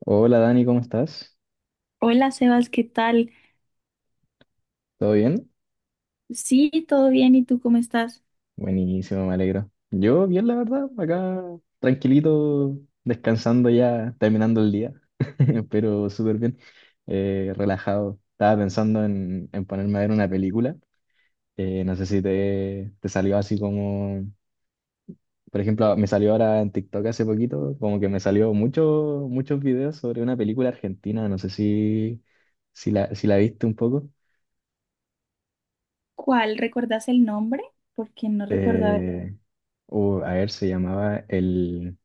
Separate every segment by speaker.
Speaker 1: Hola Dani, ¿cómo estás?
Speaker 2: Hola Sebas, ¿qué tal?
Speaker 1: ¿Todo bien?
Speaker 2: Sí, todo bien, ¿y tú cómo estás?
Speaker 1: Buenísimo, me alegro. Yo bien, la verdad, acá tranquilito, descansando ya, terminando el día, pero súper bien, relajado. Estaba pensando en ponerme a ver una película. No sé si te salió así como, por ejemplo, me salió ahora en TikTok hace poquito, como que me salió mucho, muchos videos sobre una película argentina, no sé si la viste un poco.
Speaker 2: ¿Cuál? ¿Recuerdas el nombre? Porque no recuerdo
Speaker 1: Eh, a ver, se llamaba El.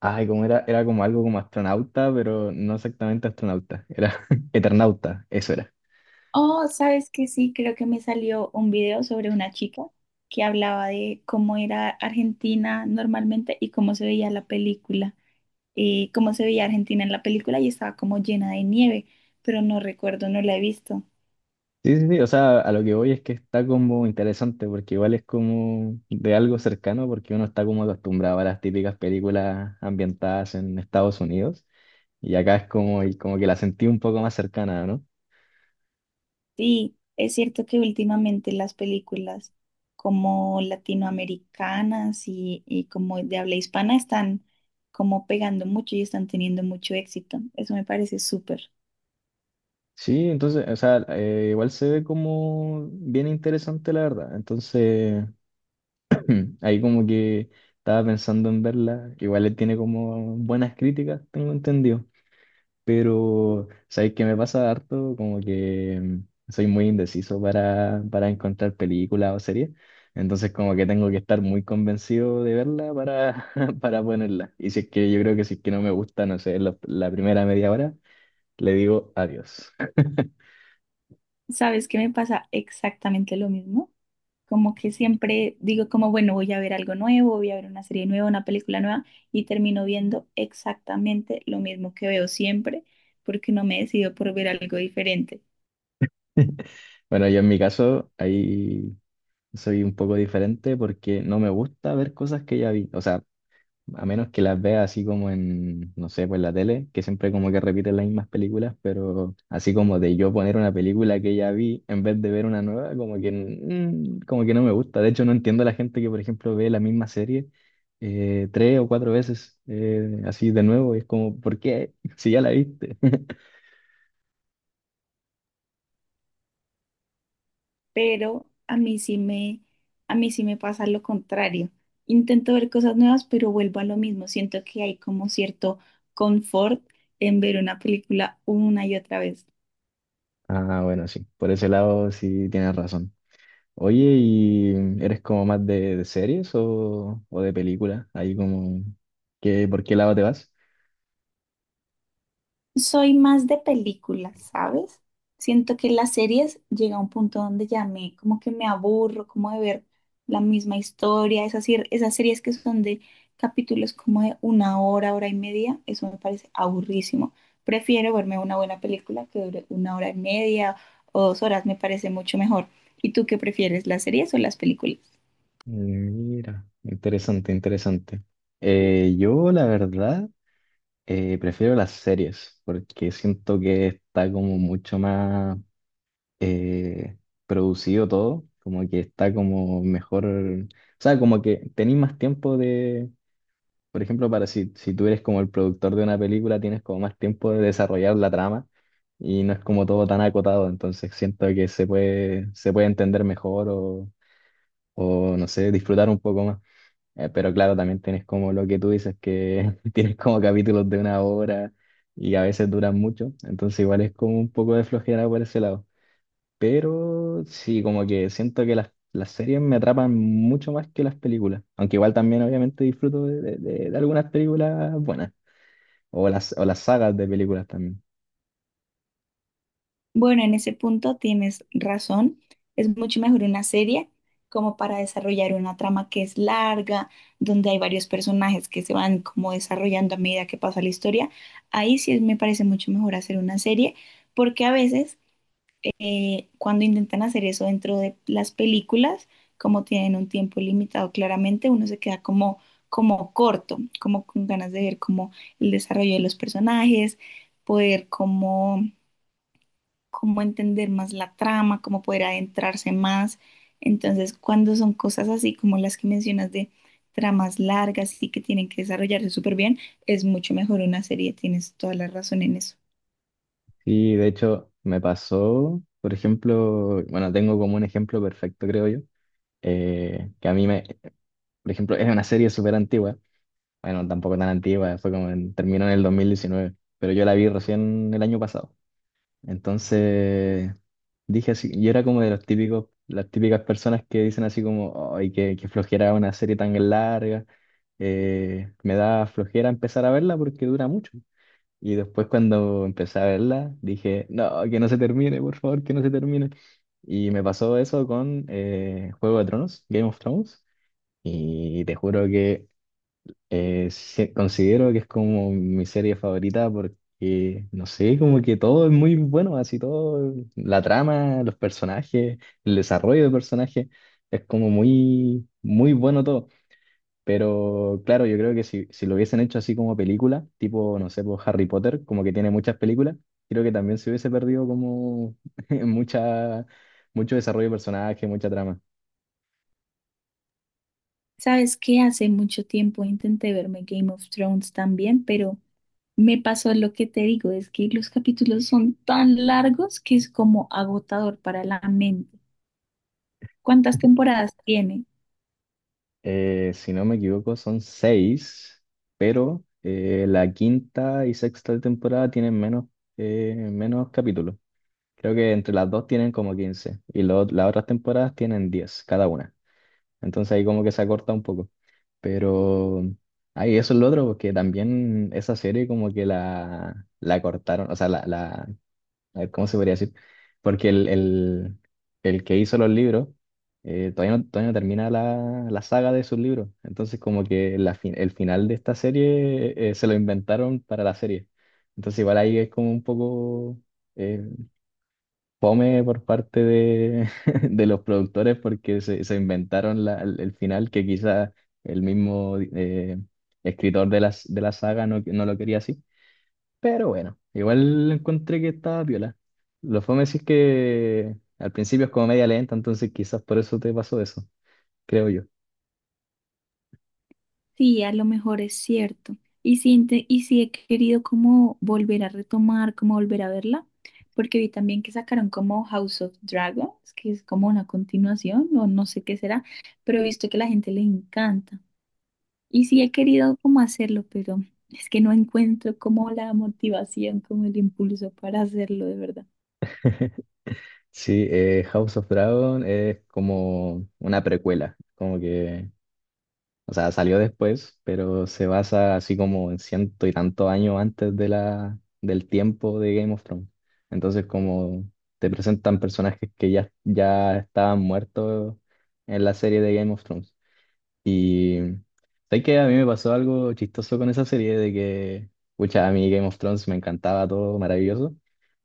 Speaker 1: Ay, como era como algo como astronauta, pero no exactamente astronauta, era eternauta, eso era.
Speaker 2: oh, sabes que sí, creo que me salió un video sobre una chica que hablaba de cómo era Argentina normalmente y cómo se veía la película, cómo se veía Argentina en la película y estaba como llena de nieve, pero no recuerdo, no la he visto.
Speaker 1: Sí, sí, sí, o sea, a lo que voy es que está como interesante, porque igual es como de algo cercano, porque uno está como acostumbrado a las típicas películas ambientadas en Estados Unidos, y acá es como, y como que la sentí un poco más cercana, ¿no?
Speaker 2: Sí, es cierto que últimamente las películas como latinoamericanas y como de habla hispana están como pegando mucho y están teniendo mucho éxito. Eso me parece súper.
Speaker 1: Sí, entonces, o sea, igual se ve como bien interesante, la verdad. Entonces. Ahí como que estaba pensando en verla, que igual le tiene como buenas críticas, tengo entendido, pero sabéis que me pasa harto, como que soy muy indeciso para encontrar películas o series, entonces como que tengo que estar muy convencido de verla para, para ponerla. Y si es que yo creo que si es que no me gusta, no sé, la primera media hora, le digo adiós.
Speaker 2: ¿Sabes qué? Me pasa exactamente lo mismo. Como que siempre digo como, bueno, voy a ver algo nuevo, voy a ver una serie nueva, una película nueva y termino viendo exactamente lo mismo que veo siempre porque no me decido por ver algo diferente.
Speaker 1: Bueno, yo en mi caso, ahí soy un poco diferente porque no me gusta ver cosas que ya vi. O sea, a menos que las vea así como en, no sé, pues la tele, que siempre como que repiten las mismas películas, pero así como de yo poner una película que ya vi en vez de ver una nueva, como que, como que no me gusta. De hecho, no entiendo a la gente que, por ejemplo, ve la misma serie tres o cuatro veces así de nuevo. Es como, ¿por qué? Si ya la viste.
Speaker 2: Pero a mí sí me, a mí sí me pasa lo contrario. Intento ver cosas nuevas, pero vuelvo a lo mismo. Siento que hay como cierto confort en ver una película una y otra vez.
Speaker 1: Ah, bueno, sí, por ese lado sí tienes razón. Oye, ¿y eres como más de series o de películas? Ahí como, ¿por qué lado te vas?
Speaker 2: Soy más de películas, ¿sabes? Siento que las series llega a un punto donde ya me, como que me aburro, como de ver la misma historia, esas, sir- esas series que son de capítulos como de una hora, hora y media, eso me parece aburrísimo. Prefiero verme una buena película que dure una hora y media o dos horas, me parece mucho mejor. ¿Y tú qué prefieres, las series o las películas?
Speaker 1: Mira, interesante, interesante. Yo, la verdad, prefiero las series porque siento que está como mucho más eh, producido todo, como que está como mejor, o sea, como que tenéis más tiempo de, por ejemplo, para si tú eres como el productor de una película, tienes como más tiempo de desarrollar la trama y no es como todo tan acotado, entonces siento que se puede entender mejor o no sé, disfrutar un poco más. Pero claro, también tienes como lo que tú dices, que tienes como capítulos de una hora y a veces duran mucho, entonces igual es como un poco de flojera por ese lado. Pero sí, como que siento que las series me atrapan mucho más que las películas, aunque igual también obviamente disfruto de algunas películas buenas o las sagas de películas también.
Speaker 2: Bueno, en ese punto tienes razón. Es mucho mejor una serie como para desarrollar una trama que es larga, donde hay varios personajes que se van como desarrollando a medida que pasa la historia. Ahí sí me parece mucho mejor hacer una serie, porque a veces cuando intentan hacer eso dentro de las películas, como tienen un tiempo limitado claramente, uno se queda como, como corto, como con ganas de ver como el desarrollo de los personajes, poder como cómo entender más la trama, cómo poder adentrarse más. Entonces, cuando son cosas así como las que mencionas de tramas largas y que tienen que desarrollarse súper bien, es mucho mejor una serie, tienes toda la razón en eso.
Speaker 1: Sí, de hecho me pasó, por ejemplo, bueno, tengo como un ejemplo perfecto, creo yo, que a mí me, por ejemplo, es una serie súper antigua. Bueno, tampoco tan antigua, fue como terminó en el 2019, pero yo la vi recién el año pasado. Entonces dije así, yo era como de los típicos, las típicas personas que dicen así como, ay, qué flojera una serie tan larga, me da flojera empezar a verla porque dura mucho. Y después cuando empecé a verla, dije, no, que no se termine, por favor, que no se termine. Y me pasó eso con Juego de Tronos, Game of Thrones, y te juro que sí, considero que es como mi serie favorita porque, no sé, como que todo es muy bueno, así todo, la trama, los personajes, el desarrollo de personajes, es como muy, muy bueno todo. Pero claro, yo creo que si lo hubiesen hecho así como película, tipo, no sé, pues Harry Potter, como que tiene muchas películas, creo que también se hubiese perdido como mucha, mucho desarrollo de personaje, mucha trama.
Speaker 2: Sabes que hace mucho tiempo intenté verme Game of Thrones también, pero me pasó lo que te digo, es que los capítulos son tan largos que es como agotador para la mente. ¿Cuántas temporadas tiene?
Speaker 1: Si no me equivoco, son seis, pero la quinta y sexta temporada tienen menos capítulos. Creo que entre las dos tienen como 15 y las otras temporadas tienen 10 cada una. Entonces ahí como que se acorta un poco. Pero ahí eso es lo otro, porque también esa serie como que la cortaron, o sea, la a ver, ¿cómo se podría decir? Porque el que hizo los libros, todavía no termina la saga de sus libros. Entonces, como que el final de esta serie se lo inventaron para la serie. Entonces, igual ahí es como un poco eh, fome por parte de, de los productores porque se inventaron el final que quizá el mismo escritor de la saga no lo quería así. Pero bueno, igual encontré que estaba piola. Lo fome sí es que al principio es como media lenta, entonces quizás por eso te pasó eso, creo yo.
Speaker 2: Sí, a lo mejor es cierto. Y sí, y sí he querido como volver a retomar, como volver a verla, porque vi también que sacaron como House of Dragons, que es como una continuación, o no sé qué será, pero he visto que a la gente le encanta. Y sí he querido como hacerlo, pero es que no encuentro como la motivación, como el impulso para hacerlo de verdad.
Speaker 1: Sí, House of Dragon es como una precuela, como que, o sea, salió después, pero se basa así como en ciento y tantos años antes de del tiempo de Game of Thrones. Entonces, como te presentan personajes que ya estaban muertos en la serie de Game of Thrones. Y sabes que a mí me pasó algo chistoso con esa serie de que, pucha, a mí Game of Thrones me encantaba todo, maravilloso,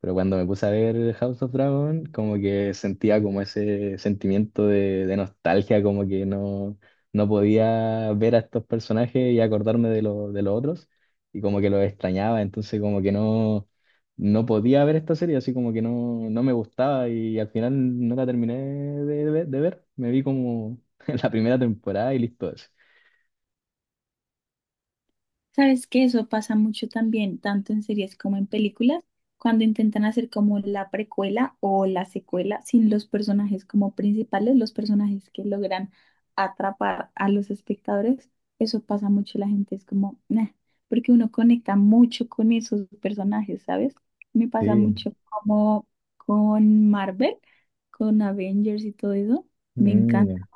Speaker 1: pero cuando me puse a ver House of Dragon, como que sentía como ese sentimiento de nostalgia, como que no podía ver a estos personajes y acordarme de, de los otros, y como que los extrañaba, entonces como que no podía ver esta serie, así como que no me gustaba y al final no la terminé de ver, me vi como en la primera temporada y listo, así.
Speaker 2: Sabes que eso pasa mucho también, tanto en series como en películas, cuando intentan hacer como la precuela o la secuela sin los personajes como principales, los personajes que logran atrapar a los espectadores, eso pasa mucho, la gente es como "Nah", porque uno conecta mucho con esos personajes, ¿sabes? Me pasa
Speaker 1: Sí,
Speaker 2: mucho como con Marvel, con Avengers y todo eso, me encanta.
Speaker 1: mm,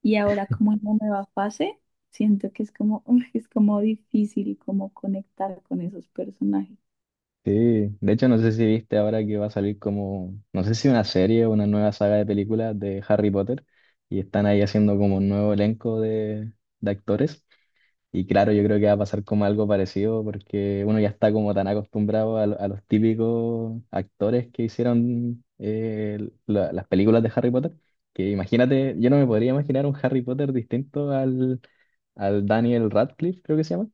Speaker 2: Y ahora como en la nueva fase. Siento que es como, uf, es como difícil como conectar con esos personajes.
Speaker 1: sí. De hecho, no sé si viste ahora que va a salir como, no sé si una serie o una nueva saga de películas de Harry Potter, y están ahí haciendo como un nuevo elenco de actores. Y claro, yo creo que va a pasar como algo parecido porque uno ya está como tan acostumbrado a los típicos actores que hicieron las películas de Harry Potter, que imagínate, yo no me podría imaginar un Harry Potter distinto al, Daniel Radcliffe, creo que se llama.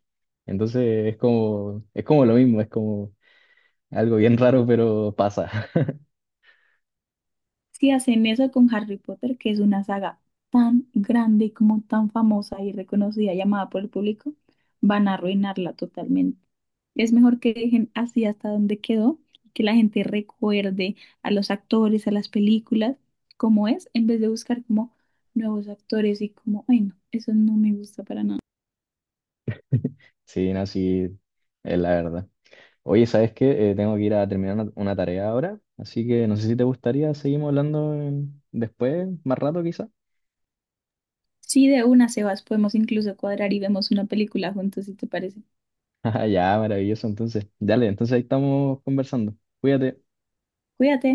Speaker 1: Entonces es como lo mismo, es como algo bien raro, pero pasa.
Speaker 2: Si hacen eso con Harry Potter, que es una saga tan grande y como tan famosa y reconocida, llamada por el público, van a arruinarla totalmente. Es mejor que dejen así hasta donde quedó, que la gente recuerde a los actores, a las películas, como es, en vez de buscar como nuevos actores y como, ay no, eso no me gusta para nada.
Speaker 1: Sí, no, sí, es la verdad. Oye, ¿sabes qué? Tengo que ir a terminar una tarea ahora, así que no sé si te gustaría, seguimos hablando después, más rato quizá.
Speaker 2: Sí, de una, Sebas, podemos incluso cuadrar y vemos una película juntos, si te parece.
Speaker 1: Ya, maravilloso, entonces. Dale, entonces ahí estamos conversando. Cuídate.
Speaker 2: Cuídate.